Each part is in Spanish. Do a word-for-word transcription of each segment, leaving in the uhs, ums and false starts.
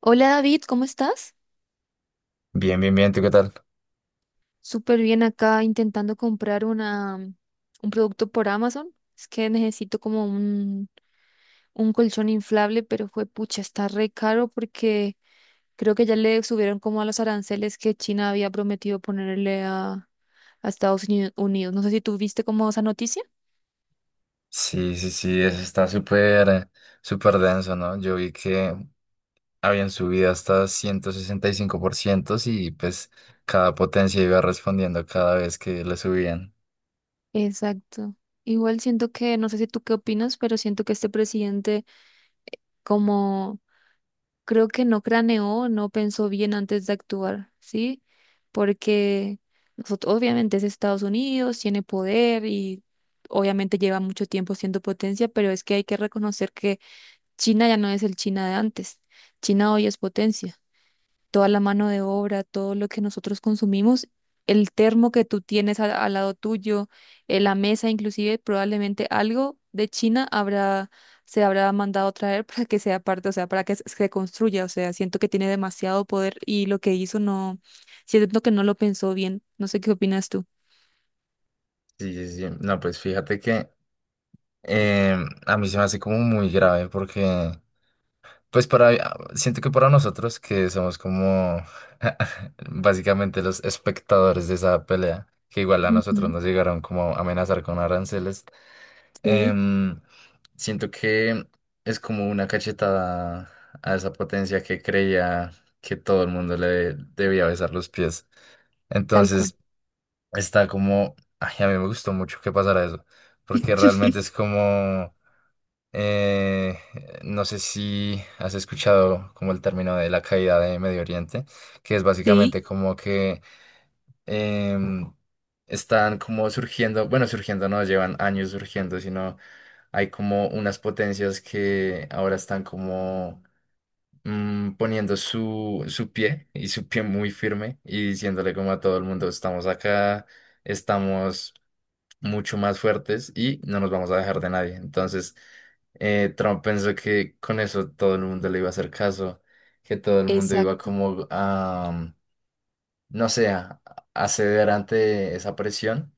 Hola David, ¿cómo estás? Bien, bien, bien, ¿tú qué tal? Súper bien acá intentando comprar una, mm, un producto por Amazon. Es que necesito como un, un colchón inflable, pero fue pucha, está re caro porque creo que ya le subieron como a los aranceles que China había prometido ponerle a, a Estados Uni- Unidos. No sé si tú viste como esa noticia. Sí, sí, sí, eso está súper, eh, súper denso, ¿no? Yo vi que habían subido hasta ciento sesenta y cinco por ciento y pues cada potencia iba respondiendo cada vez que le subían. Exacto. Igual siento que, no sé si tú qué opinas, pero siento que este presidente como creo que no craneó, no pensó bien antes de actuar, ¿sí? Porque nosotros, obviamente es Estados Unidos, tiene poder y obviamente lleva mucho tiempo siendo potencia, pero es que hay que reconocer que China ya no es el China de antes. China hoy es potencia, toda la mano de obra, todo lo que nosotros consumimos, el termo que tú tienes al, al lado tuyo, eh, la mesa, inclusive probablemente algo de China habrá, se habrá mandado traer para que sea parte, o sea, para que se se construya, o sea, siento que tiene demasiado poder y lo que hizo no, siento que no lo pensó bien, no sé qué opinas tú. Sí, sí, sí. No, pues fíjate que eh, a mí se me hace como muy grave porque pues para, siento que para nosotros que somos como básicamente los espectadores de esa pelea, que igual a nosotros Ujú, nos llegaron como a amenazar con aranceles, sí, em, siento que es como una cachetada a esa potencia que creía que todo el mundo le debía besar los pies. tal cual. Entonces está como, ay, a mí me gustó mucho que pasara eso, porque realmente es como… Eh, no sé si has escuchado como el término de la caída de Medio Oriente, que es Sí, básicamente como que em, están como surgiendo, bueno, surgiendo no llevan años surgiendo, sino hay como unas potencias que ahora están como mm, poniendo su, su pie y su pie muy firme y diciéndole como a todo el mundo, estamos acá, estamos mucho más fuertes y no nos vamos a dejar de nadie. Entonces, eh, Trump pensó que con eso todo el mundo le iba a hacer caso, que todo el mundo iba exacto. como a, no sé, a, a ceder ante esa presión.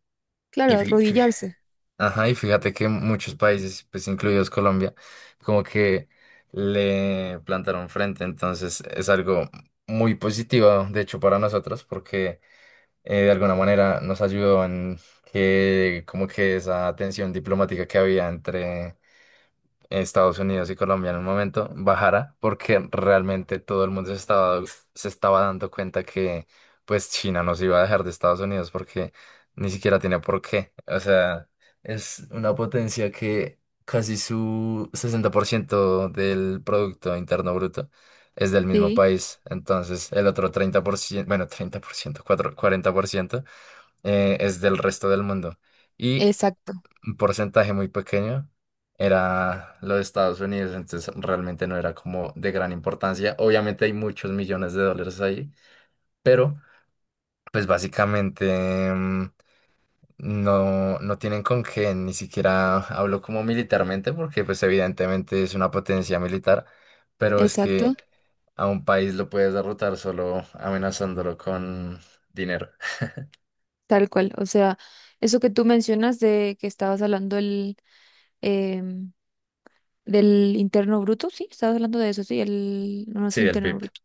Claro, Y, fí- fí- arrodillarse. ajá, y fíjate que muchos países, pues incluidos Colombia, como que le plantaron frente. Entonces, es algo muy positivo, de hecho, para nosotros, porque eh, de alguna manera nos ayudó en que como que esa tensión diplomática que había entre Estados Unidos y Colombia en un momento bajara, porque realmente todo el mundo se estaba, se estaba dando cuenta que pues China nos iba a dejar de Estados Unidos porque ni siquiera tiene por qué. O sea, es una potencia que casi su sesenta por ciento del Producto Interno Bruto es del mismo Sí, país. Entonces, el otro treinta por ciento, bueno, treinta por ciento cuatro cuarenta por ciento eh, es del resto del mundo. Y exacto, un porcentaje muy pequeño era lo de Estados Unidos, entonces realmente no era como de gran importancia. Obviamente hay muchos millones de dólares ahí, pero pues básicamente mm, no, no tienen con qué, ni siquiera hablo como militarmente, porque pues evidentemente es una potencia militar, pero es que exacto. a un país lo puedes derrotar solo amenazándolo con dinero. Tal cual, o sea, eso que tú mencionas de que estabas hablando el, em, del interno bruto, sí, estabas hablando de eso, sí, el, no no es Sí, el interno P I B. bruto,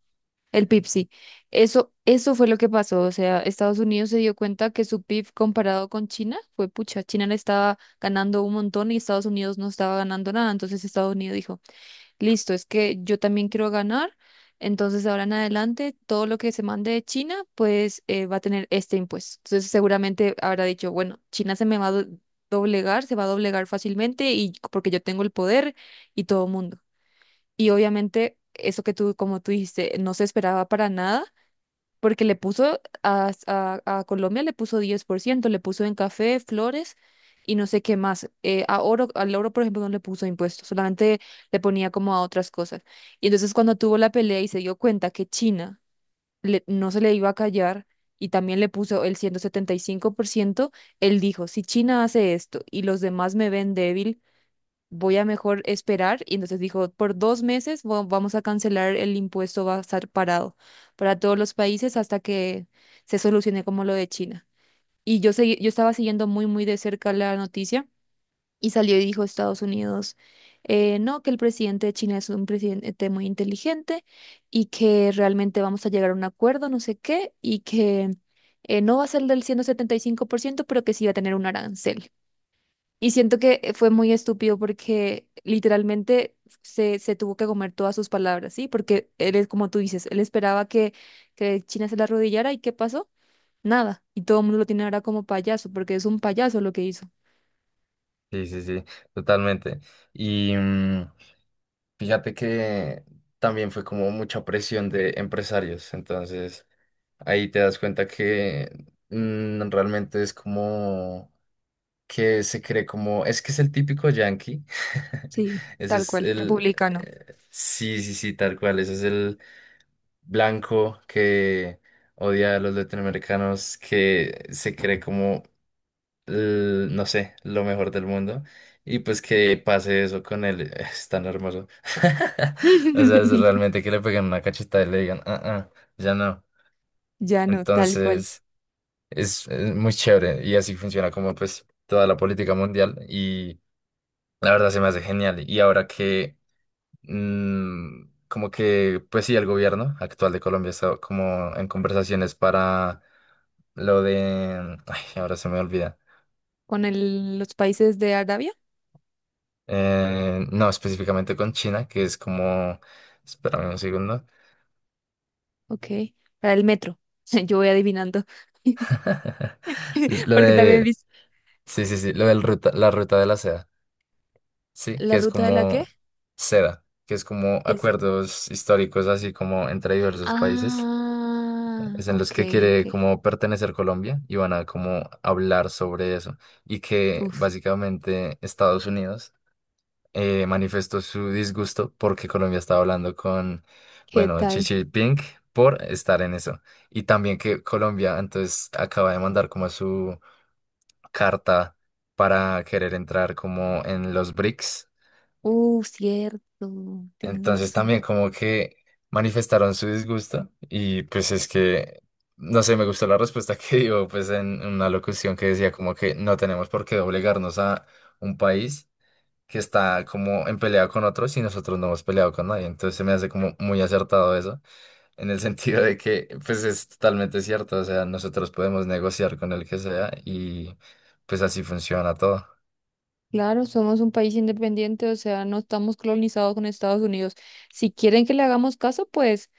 el P I B, sí. Eso, eso fue lo que pasó, o sea, Estados Unidos se dio cuenta que su P I B comparado con China fue pucha, China le estaba ganando un montón y Estados Unidos no estaba ganando nada, entonces Estados Unidos dijo, listo, es que yo también quiero ganar, entonces de ahora en adelante todo lo que se mande de China, pues eh, va a tener este impuesto. Entonces seguramente habrá dicho, bueno, China se me va a do- doblegar, se va a doblegar fácilmente y porque yo tengo el poder y todo el mundo. Y obviamente eso que tú, como tú dijiste, no se esperaba para nada porque le puso a, a- a Colombia, le puso diez por ciento, le puso en café, flores y no sé qué más. Eh, a oro, al oro, por ejemplo, no le puso impuestos, solamente le ponía como a otras cosas. Y entonces cuando tuvo la pelea y se dio cuenta que China le- no se le iba a callar y también le puso el ciento setenta y cinco por ciento, él dijo, si China hace esto y los demás me ven débil, voy a mejor esperar. Y entonces dijo, por dos meses va- vamos a cancelar el impuesto, va a estar parado para todos los países hasta que se solucione como lo de China. Y yo segui- yo estaba siguiendo muy, muy de cerca la noticia y salió y dijo Estados Unidos, eh, no, que el presidente de China es un presidente muy inteligente y que realmente vamos a llegar a un acuerdo, no sé qué, y que eh, no va a ser del ciento setenta y cinco por ciento pero que sí va a tener un arancel. Y siento que eh, fue muy estúpido porque literalmente se, se tuvo que comer todas sus palabras, ¿sí? Porque él es como tú dices, él esperaba que, que China se la arrodillara y ¿qué pasó? Nada. Y todo el mundo lo tiene ahora como payaso, porque es un payaso lo que hizo. Sí, sí, sí, totalmente. Y mm, fíjate que también fue como mucha presión de empresarios, entonces ahí te das cuenta que mm, realmente es como que se cree como, es que es el típico yankee, Sí. ese Tal es cual, el, republicano. eh, sí, sí, sí, tal cual, ese es el blanco que odia a los latinoamericanos, que se cree como l- no sé, lo mejor del mundo. Y pues que pase eso con él, eh, es tan hermoso. O sea, es realmente que le peguen una cachetada y le digan, ah, ah, ya no. Ya no, tal cual. Entonces, es, es muy chévere y así funciona como pues toda la política mundial y la verdad se me hace genial. Y ahora que, mm, como que, pues sí, el gobierno actual de Colombia está como en conversaciones para lo de, ay, ahora se me olvida. Con el- los países de Arabia, Eh, no, específicamente con China, que es como. Espérame un segundo. ok. Para el metro, yo voy adivinando. Lo Porque también de. viste Sí, sí, sí. Lo del ruta, la ruta de la seda. Sí, que la es ruta de la que, como seda, que es como que es... acuerdos históricos así como entre diversos países. Ah, Es en los ok, que quiere ok. como pertenecer Colombia y van a como hablar sobre eso. Y que Uf, básicamente Estados Unidos eh, manifestó su disgusto porque Colombia estaba hablando con, ¿qué bueno, Xi tal? Jinping por estar en eso. Y también que Colombia entonces acaba de mandar como su carta para querer entrar como en los BRICS. Uh, cierto, tienes Entonces razón. también como que manifestaron su disgusto y pues es que, no sé, me gustó la respuesta que dio pues en una locución que decía como que no tenemos por qué obligarnos a un país que está como en pelea con otros y nosotros no hemos peleado con nadie. Entonces se me hace como muy acertado eso, en el sentido de que pues es totalmente cierto, o sea, nosotros podemos negociar con el que sea y pues así funciona todo. Claro, somos un país independiente, o sea, no estamos colonizados con Estados Unidos. Si quieren que le hagamos caso, pues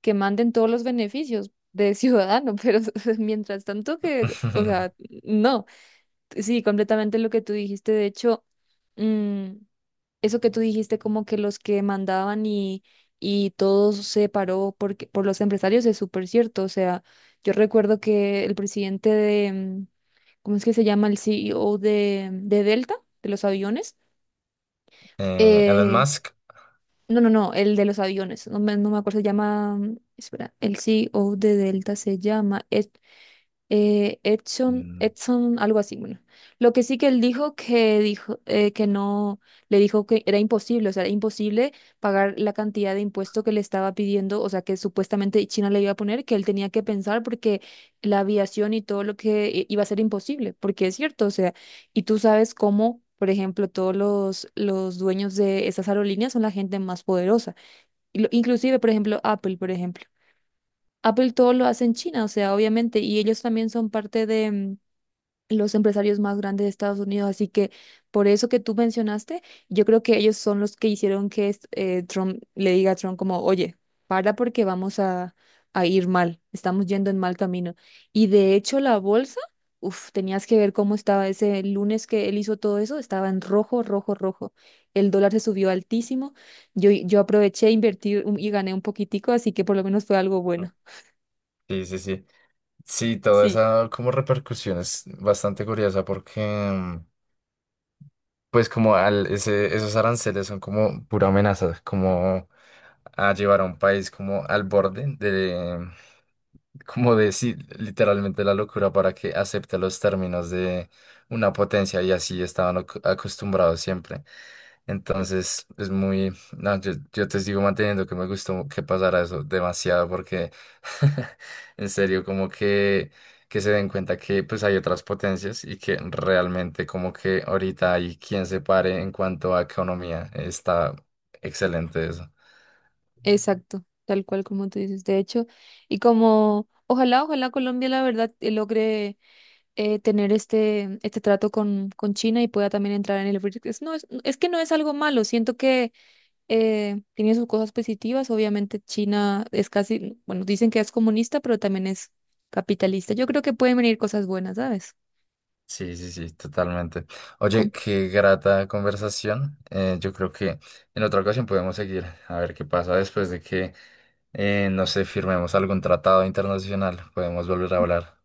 que manden todos los beneficios de ciudadano, pero mientras tanto que, o sea, no. Sí, completamente lo que tú dijiste. De hecho, mm, eso que tú dijiste, como que los que mandaban y, y todo se paró porque, por los empresarios, es súper cierto. O sea, yo recuerdo que el presidente de, mm, ¿cómo es que se llama? El C E O de, mm, de Delta, de los aviones. Eh, Elon Eh, Musk. no, no, no, el de los aviones. No me, no me acuerdo, se llama, mm, espera, el C E O de Delta se llama Ed eh, Edson, mm, Edson, algo así, bueno. Lo que sí que él dijo que dijo eh, que no, le dijo que era imposible, o sea, era imposible pagar la cantidad de impuesto que le estaba pidiendo, o sea, que supuestamente China le iba a poner, que él tenía que pensar porque la aviación y todo lo que i- iba a ser imposible, porque es cierto, o sea, y tú sabes cómo, por ejemplo, todos los, los dueños de esas aerolíneas son la gente más poderosa, y lo- inclusive, por ejemplo, Apple, por ejemplo. Apple todo lo hace en China, o sea, obviamente, y ellos también son parte de mm, los empresarios más grandes de Estados Unidos, así que por eso que tú mencionaste, yo creo que ellos son los que hicieron que es- eh, Trump le diga a Trump como, oye, para porque vamos a, a ir mal, estamos yendo en mal camino. Y de hecho la bolsa, uff, tenías que ver cómo estaba ese lunes que él hizo todo eso, estaba en rojo, rojo, rojo. El dólar se subió altísimo, yo, yo aproveché, invertí un- y gané un poquitico, así que por lo menos fue algo no. bueno. Sí, sí, sí. Sí, toda Sí. esa como repercusión es bastante curiosa porque mm, pues como al, ese, esos aranceles son como pura amenaza, como a llevar a un país como al borde de, como de sí, literalmente la locura para que acepte los términos de una potencia y así estaban ac- acostumbrados siempre. Entonces es muy, no, yo, yo te sigo manteniendo que me gustó que pasara eso demasiado porque en serio como que, que se den cuenta que pues hay otras potencias y que realmente como que ahorita hay quien se pare en cuanto a economía. Está excelente eso. Exacto, tal cual como tú dices, de hecho, y como ojalá, ojalá Colombia la verdad eh, logre eh, tener este, este trato con, con China y pueda también entrar en el BRICS. Es- No, es, es que no es algo malo, siento que eh, tiene sus cosas positivas, obviamente China es casi, bueno, dicen que es comunista, pero también es capitalista. Yo creo que pueden venir cosas buenas, ¿sabes? Sí, sí, sí, totalmente. Oye, Compre. qué grata conversación. Eh, yo creo que en otra ocasión podemos seguir a ver qué pasa después de que, eh, no sé, firmemos algún tratado internacional. Podemos volver a hablar.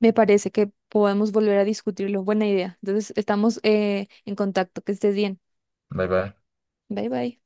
Me parece que podemos volver a discutirlo, buena idea. Entonces, estamos eh, en contacto, que estés bien. Bye, bye. Bye bye.